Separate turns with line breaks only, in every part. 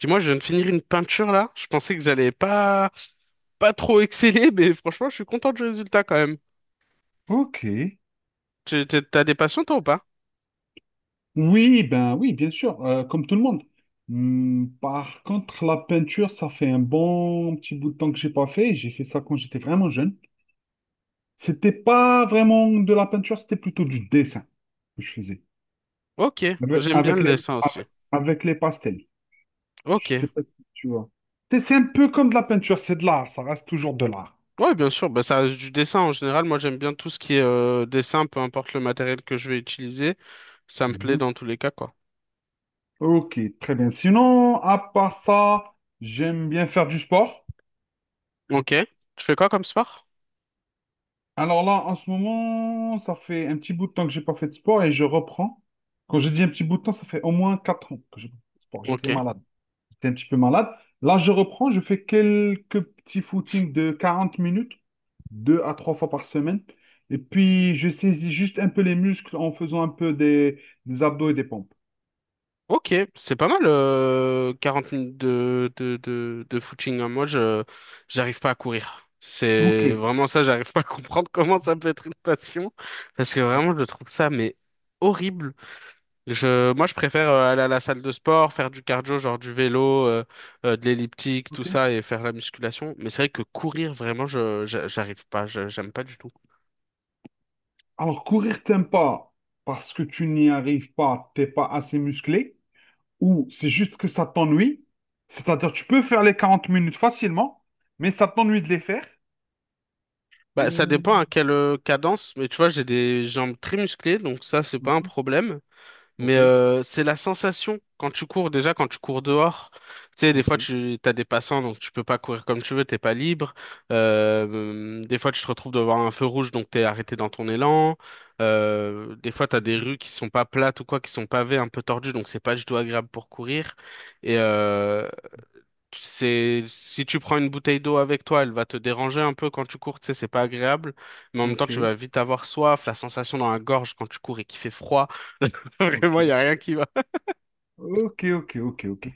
Dis-moi, je viens de finir une peinture là. Je pensais que j'allais pas trop exceller, mais franchement, je suis content du résultat quand même.
Ok.
T'as des passions toi ou pas?
Oui, ben oui, bien sûr, comme tout le monde. Par contre, la peinture, ça fait un bon petit bout de temps que j'ai pas fait. J'ai fait ça quand j'étais vraiment jeune. C'était pas vraiment de la peinture, c'était plutôt du dessin que je faisais
Ok,
avec,
j'aime bien
avec
le
les
dessin aussi.
avec, avec les pastels. Je
Ok.
sais pas si tu vois. C'est un peu comme de la peinture, c'est de l'art, ça reste toujours de l'art.
Ouais, bien sûr, bah ça reste du dessin en général. Moi, j'aime bien tout ce qui est dessin, peu importe le matériel que je vais utiliser. Ça me plaît
Mhm.
dans tous les cas, quoi.
Ok, très bien. Sinon, à part ça, j'aime bien faire du sport.
Ok. Tu fais quoi comme sport?
Alors là, en ce moment, ça fait un petit bout de temps que j'ai pas fait de sport et je reprends. Quand je dis un petit bout de temps, ça fait au moins 4 ans que j'ai pas fait de sport.
Ok.
J'étais malade. J'étais un petit peu malade. Là, je reprends. Je fais quelques petits footings de 40 minutes, 2 à 3 fois par semaine. Et puis, je saisis juste un peu les muscles en faisant un peu des abdos et des pompes.
Ok, c'est pas mal, 40 minutes de footing. Moi, j'arrive pas à courir.
Ok,
C'est vraiment ça, j'arrive pas à comprendre comment ça peut être une passion. Parce que vraiment, je trouve ça, mais horrible. Moi, je préfère aller à la salle de sport, faire du cardio, genre du vélo, de l'elliptique, tout
ok.
ça, et faire la musculation. Mais c'est vrai que courir, vraiment, j'arrive pas, j'aime pas du tout.
Alors, courir, t'aimes pas parce que tu n'y arrives pas, t'es pas assez musclé, ou c'est juste que ça t'ennuie, c'est-à-dire tu peux faire les 40 minutes facilement, mais ça t'ennuie de les faire.
Bah, ça
Ou...
dépend à quelle cadence, mais tu vois, j'ai des jambes très musclées, donc ça, c'est pas un
Mhm.
problème. Mais
Ok,
c'est la sensation quand tu cours, déjà quand tu cours dehors. Tu sais, des
ok,
fois tu as des passants, donc tu peux pas courir comme tu veux, t'es pas libre. Des fois tu te retrouves devant un feu rouge, donc t'es arrêté dans ton élan. Des fois t'as des rues qui sont pas plates ou quoi, qui sont pavées, un peu tordues, donc c'est pas du tout agréable pour courir. Et, euh, Si tu prends une bouteille d'eau avec toi, elle va te déranger un peu quand tu cours, tu sais, c'est pas agréable, mais en même temps,
ok,
tu vas vite avoir soif, la sensation dans la gorge quand tu cours et qu'il fait froid.
ok,
Vraiment, il y a rien qui va.
ok, ok, ok, ok.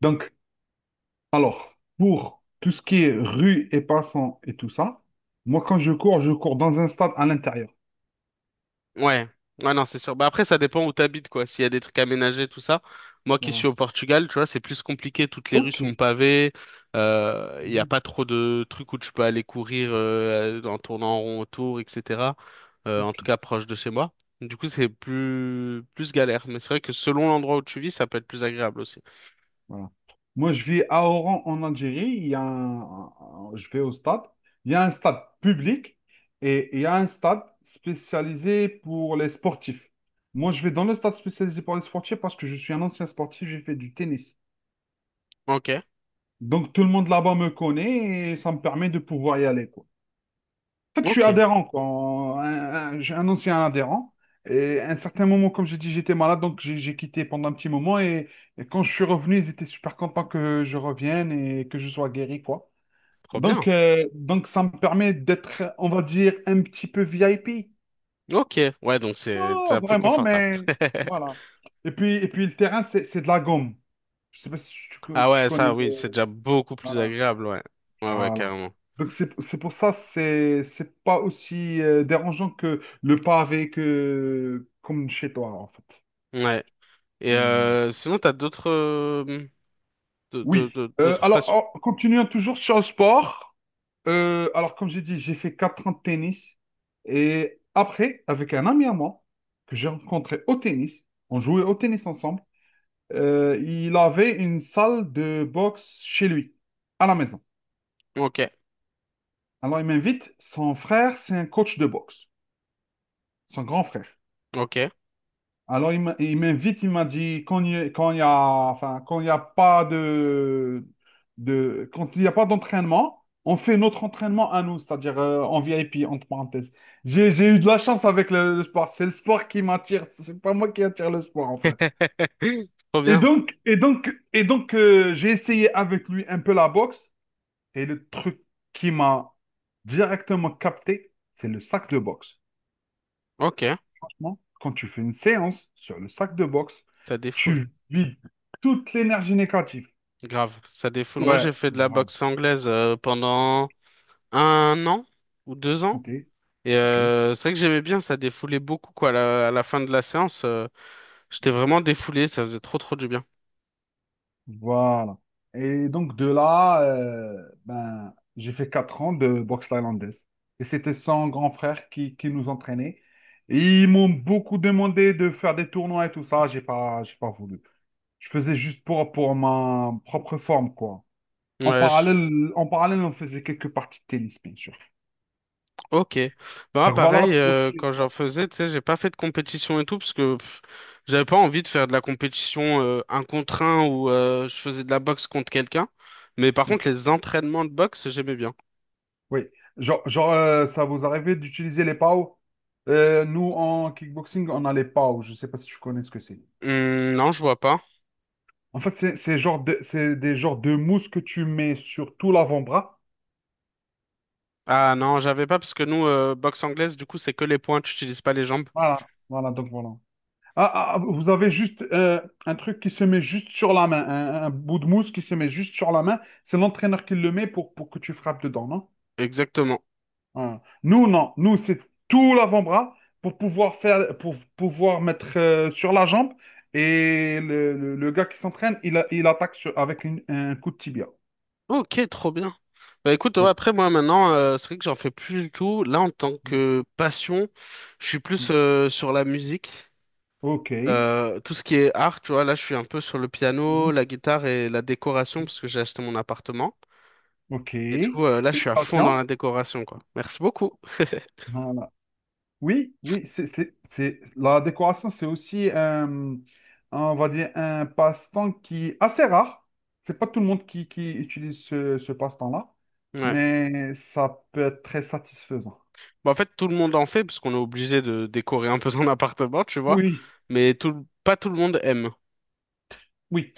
Donc, alors, pour tout ce qui est rue et passants et tout ça, moi quand je cours dans un stade à l'intérieur.
Ouais, ouais, non, c'est sûr. Bah après, ça dépend où t'habites, quoi. S'il y a des trucs aménagés, tout ça. Moi qui suis
Voilà.
au Portugal, tu vois, c'est plus compliqué. Toutes les rues
Ok.
sont pavées. Il y n'y a
Mhm.
pas trop de trucs où tu peux aller courir en tournant en rond autour, etc. En
Ok.
tout cas, proche de chez moi. Du coup, c'est plus galère. Mais c'est vrai que selon l'endroit où tu vis, ça peut être plus agréable aussi.
Voilà. Moi, je vis à Oran, en Algérie. Il y a je vais au stade. Il y a un stade public et il y a un stade spécialisé pour les sportifs. Moi, je vais dans le stade spécialisé pour les sportifs parce que je suis un ancien sportif, j'ai fait du tennis.
Ok,
Donc, tout le monde là-bas me connaît et ça me permet de pouvoir y aller, quoi. En fait, je suis
ok,
adhérent, quoi. J'ai un ancien adhérent. Et à un certain moment, comme j'ai dit, j'étais malade, donc j'ai quitté pendant un petit moment. Et quand je suis revenu, ils étaient super contents que je revienne et que je sois guéri, quoi.
trop
Donc,
bien.
euh, donc ça me permet d'être, on va dire, un petit peu VIP.
Ok, ouais, donc c'est
Pas
déjà plus
vraiment,
confortable.
mais voilà. Et puis le terrain, c'est de la gomme. Je sais pas si tu,
Ah
si tu
ouais,
connais
ça, oui, c'est déjà beaucoup plus
voilà.
agréable, ouais. Ouais, ouais,
Voilà.
carrément.
Donc c'est pour ça, c'est pas aussi dérangeant que le pavé que comme chez toi en fait.
Ouais. Et
Voilà.
sinon, t'as d'autres
Oui.
d'autres
Alors,
passions?
continuons toujours sur le sport. Alors, comme j'ai dit, j'ai fait 4 ans de tennis et après avec un ami à moi que j'ai rencontré au tennis, on jouait au tennis ensemble. Il avait une salle de boxe chez lui à la maison.
Ok,
Alors il m'invite. Son frère, c'est un coach de boxe, son grand frère.
ok.
Alors, il m'invite, il m'a dit, quand il y a, quand il y a- enfin, quand il n'y a pas d'entraînement, on fait notre entraînement à nous, c'est-à-dire en VIP, entre parenthèses. J'ai eu de la chance avec le sport. C'est le sport qui m'attire. C'est pas moi qui attire le sport, en fait.
Trop
Et
bien.
donc, et donc, et donc, euh, j'ai essayé avec lui un peu la boxe. Et le truc qui m'a directement capté, c'est le sac de boxe.
Ok,
Franchement, quand tu fais une séance sur le sac de boxe,
ça défoule.
tu vides toute l'énergie négative.
Grave, ça défoule.
Ouais,
Moi, j'ai fait de la
voilà.
boxe anglaise pendant 1 an ou 2 ans.
Ok,
Et
ok,
euh, c'est vrai que j'aimais bien, ça défoulait beaucoup, quoi. À la fin de la séance, j'étais vraiment défoulé, ça faisait trop, trop du bien.
voilà. Et donc de là, ben, j'ai fait 4 ans de boxe thaïlandaise. Et c'était son grand frère qui nous entraînait. Et ils m'ont beaucoup demandé de faire des tournois et tout ça. J'ai pas voulu. Je faisais juste pour ma propre forme, quoi. En
Ouais,
parallèle, en parallèle, on faisait quelques parties de tennis, bien sûr.
Ok. Bah
Donc voilà
pareil,
pour ce qui
quand
est.
j'en faisais, tu sais, j'ai pas fait de compétition et tout parce que j'avais pas envie de faire de la compétition un contre un où je faisais de la boxe contre quelqu'un. Mais par contre, les entraînements de boxe, j'aimais bien.
Oui, ça vous arrivait d'utiliser les PAO? Nous, en kickboxing, on a les PAO. Je ne sais pas si tu connais ce que c'est.
Non, je vois pas.
En fait, c'est des genres de mousse que tu mets sur tout l'avant-bras.
Ah non, j'avais pas parce que nous, boxe anglaise, du coup, c'est que les points, tu utilises pas les jambes.
Voilà, voilà, donc voilà. Ah, ah, ah, vous avez juste un truc qui se met juste sur la main, un bout de mousse qui se met juste sur la main. C'est l'entraîneur qui le met pour que tu frappes dedans, non?
Exactement.
Hein. Nous, non. Nous, c'est tout l'avant-bras pour pouvoir mettre sur la jambe. Et le gars qui s'entraîne, il attaque avec un coup de tibia.
Ok, trop bien. Bah écoute, ouais,
Oui.
après moi maintenant, c'est vrai que j'en fais plus du tout. Là, en tant que passion, je suis plus sur la musique.
Ok.
Tout ce qui est art, tu vois, là, je suis un peu sur le piano,
Mhm.
la guitare et la décoration parce que j'ai acheté mon appartement. Et du
Ok.
coup, là, je suis à fond dans
Félicitations.
la décoration, quoi. Merci beaucoup.
Voilà. Oui, oui, la décoration, c'est aussi, on va dire, un passe-temps qui est assez rare. C'est pas tout le monde qui utilise ce passe-temps-là,
Ouais.
mais ça peut être très satisfaisant.
Bah, en fait, tout le monde en fait parce qu'on est obligé de décorer un peu son appartement, tu vois.
Oui,
Mais pas tout le monde aime.
oui,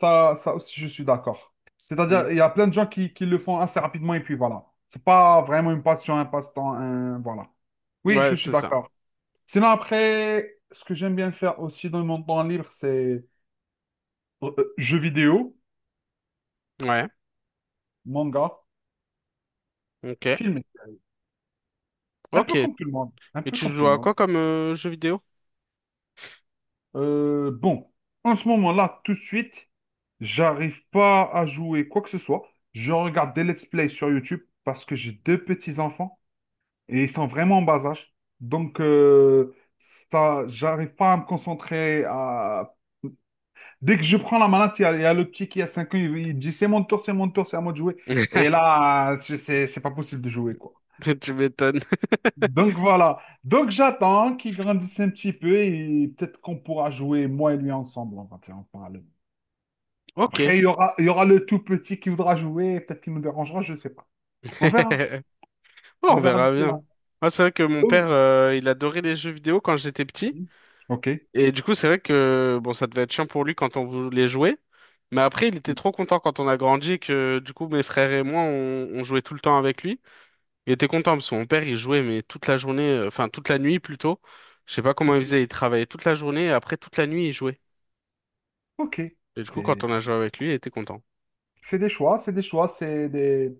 ça aussi, je suis d'accord. C'est-à-dire, il y a plein de gens qui le font assez rapidement et puis voilà. C'est pas vraiment une passion, un passe-temps, voilà.
Mm.
Oui, je
Ouais,
suis
c'est ça.
d'accord. Sinon, après, ce que j'aime bien faire aussi dans mon temps libre, c'est jeux vidéo,
Ouais.
manga,
Ok.
films. Un
Ok.
peu
Et
comme tout le monde. Un peu
tu
comme tout
joues
le
à
monde.
quoi comme jeu vidéo?
Bon, en ce moment-là, tout de suite, j'arrive pas à jouer quoi que ce soit. Je regarde des let's play sur YouTube parce que j'ai deux petits-enfants, et ils sont vraiment en bas âge. Donc, ça, j'arrive pas à me concentrer. Dès que je prends la manette, il y a le petit qui a 5 ans, il dit c'est mon tour, c'est mon tour, c'est à moi de jouer. Et là, c'est pas possible de jouer, quoi.
Tu m'étonnes.
Donc voilà. Donc j'attends qu'il grandisse un petit peu et peut-être qu'on pourra jouer, moi et lui ensemble, on va dire, en parallèle.
Ok.
Après, il y aura le tout petit qui voudra jouer, et peut-être qu'il nous dérangera, je ne sais pas. On verra.
Bon,
On
on
verra
verra
d'ici là.
bien. Ah, c'est vrai que mon père,
Donc,
il adorait les jeux vidéo quand j'étais petit.
Ok.
Et du coup, c'est vrai que bon, ça devait être chiant pour lui quand on voulait jouer. Mais après, il était trop content quand on a grandi et que du coup, mes frères et moi, on jouait tout le temps avec lui. Il était content parce que mon père, il jouait mais toute la journée, enfin toute la nuit plutôt. Je sais pas comment il
Ok.
faisait, il travaillait toute la journée et après toute la nuit, il jouait.
Ok.
Et du coup, quand
C'est.
on a joué avec lui, il était content.
C'est des choix,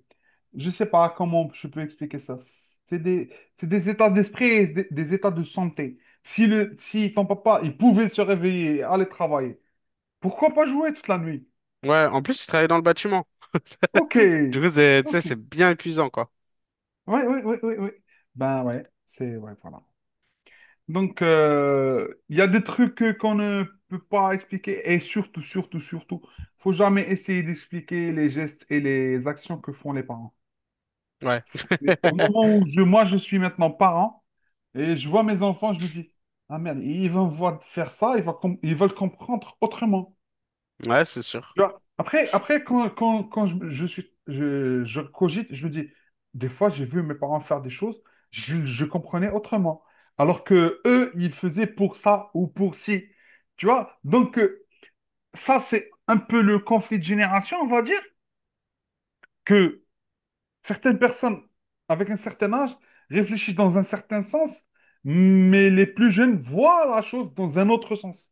Je sais pas comment je peux expliquer ça. C'est des, c'est des états d'esprit, et des états de santé. Si ton papa, il pouvait se réveiller et aller travailler, pourquoi pas jouer toute la nuit?
Ouais, en plus, il travaillait dans le bâtiment.
Ok,
Du coup, tu sais,
ok.
c'est bien épuisant, quoi.
Oui, oui, oui, oui, oui. Ben ouais, Ouais, voilà. Donc, il y a des trucs qu'on ne peut pas expliquer et surtout, surtout, surtout, faut jamais essayer d'expliquer les gestes et les actions que font les parents.
Ouais.
Mais au moment où moi, je suis maintenant parent et je vois mes enfants, je me dis, ah merde, ils vont me voir faire ça, ils veulent comprendre autrement.
Ouais, c'est sûr.
Tu vois. Après, quand je cogite, je me dis, des fois, j'ai vu mes parents faire des choses, je comprenais autrement. Alors que eux, ils faisaient pour ça ou pour ci. Tu vois? Donc, ça, c'est un peu le conflit de génération, on va dire, que certaines personnes avec un certain âge réfléchissent dans un certain sens, mais les plus jeunes voient la chose dans un autre sens.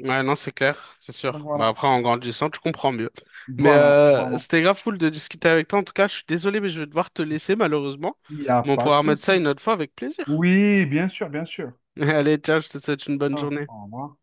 Ouais, non, c'est clair, c'est
Donc
sûr. Bah
voilà,
après, en grandissant, tu comprends mieux. Mais
voilà,
euh,
voilà.
c'était grave cool de discuter avec toi. En tout cas, je suis désolé, mais je vais devoir te laisser malheureusement.
Il n'y a
Mais on
pas de
pourra remettre ça
souci.
une autre fois avec plaisir.
Oui, bien sûr, bien sûr.
Allez, tiens, je te souhaite une bonne
Ah,
journée.
au revoir.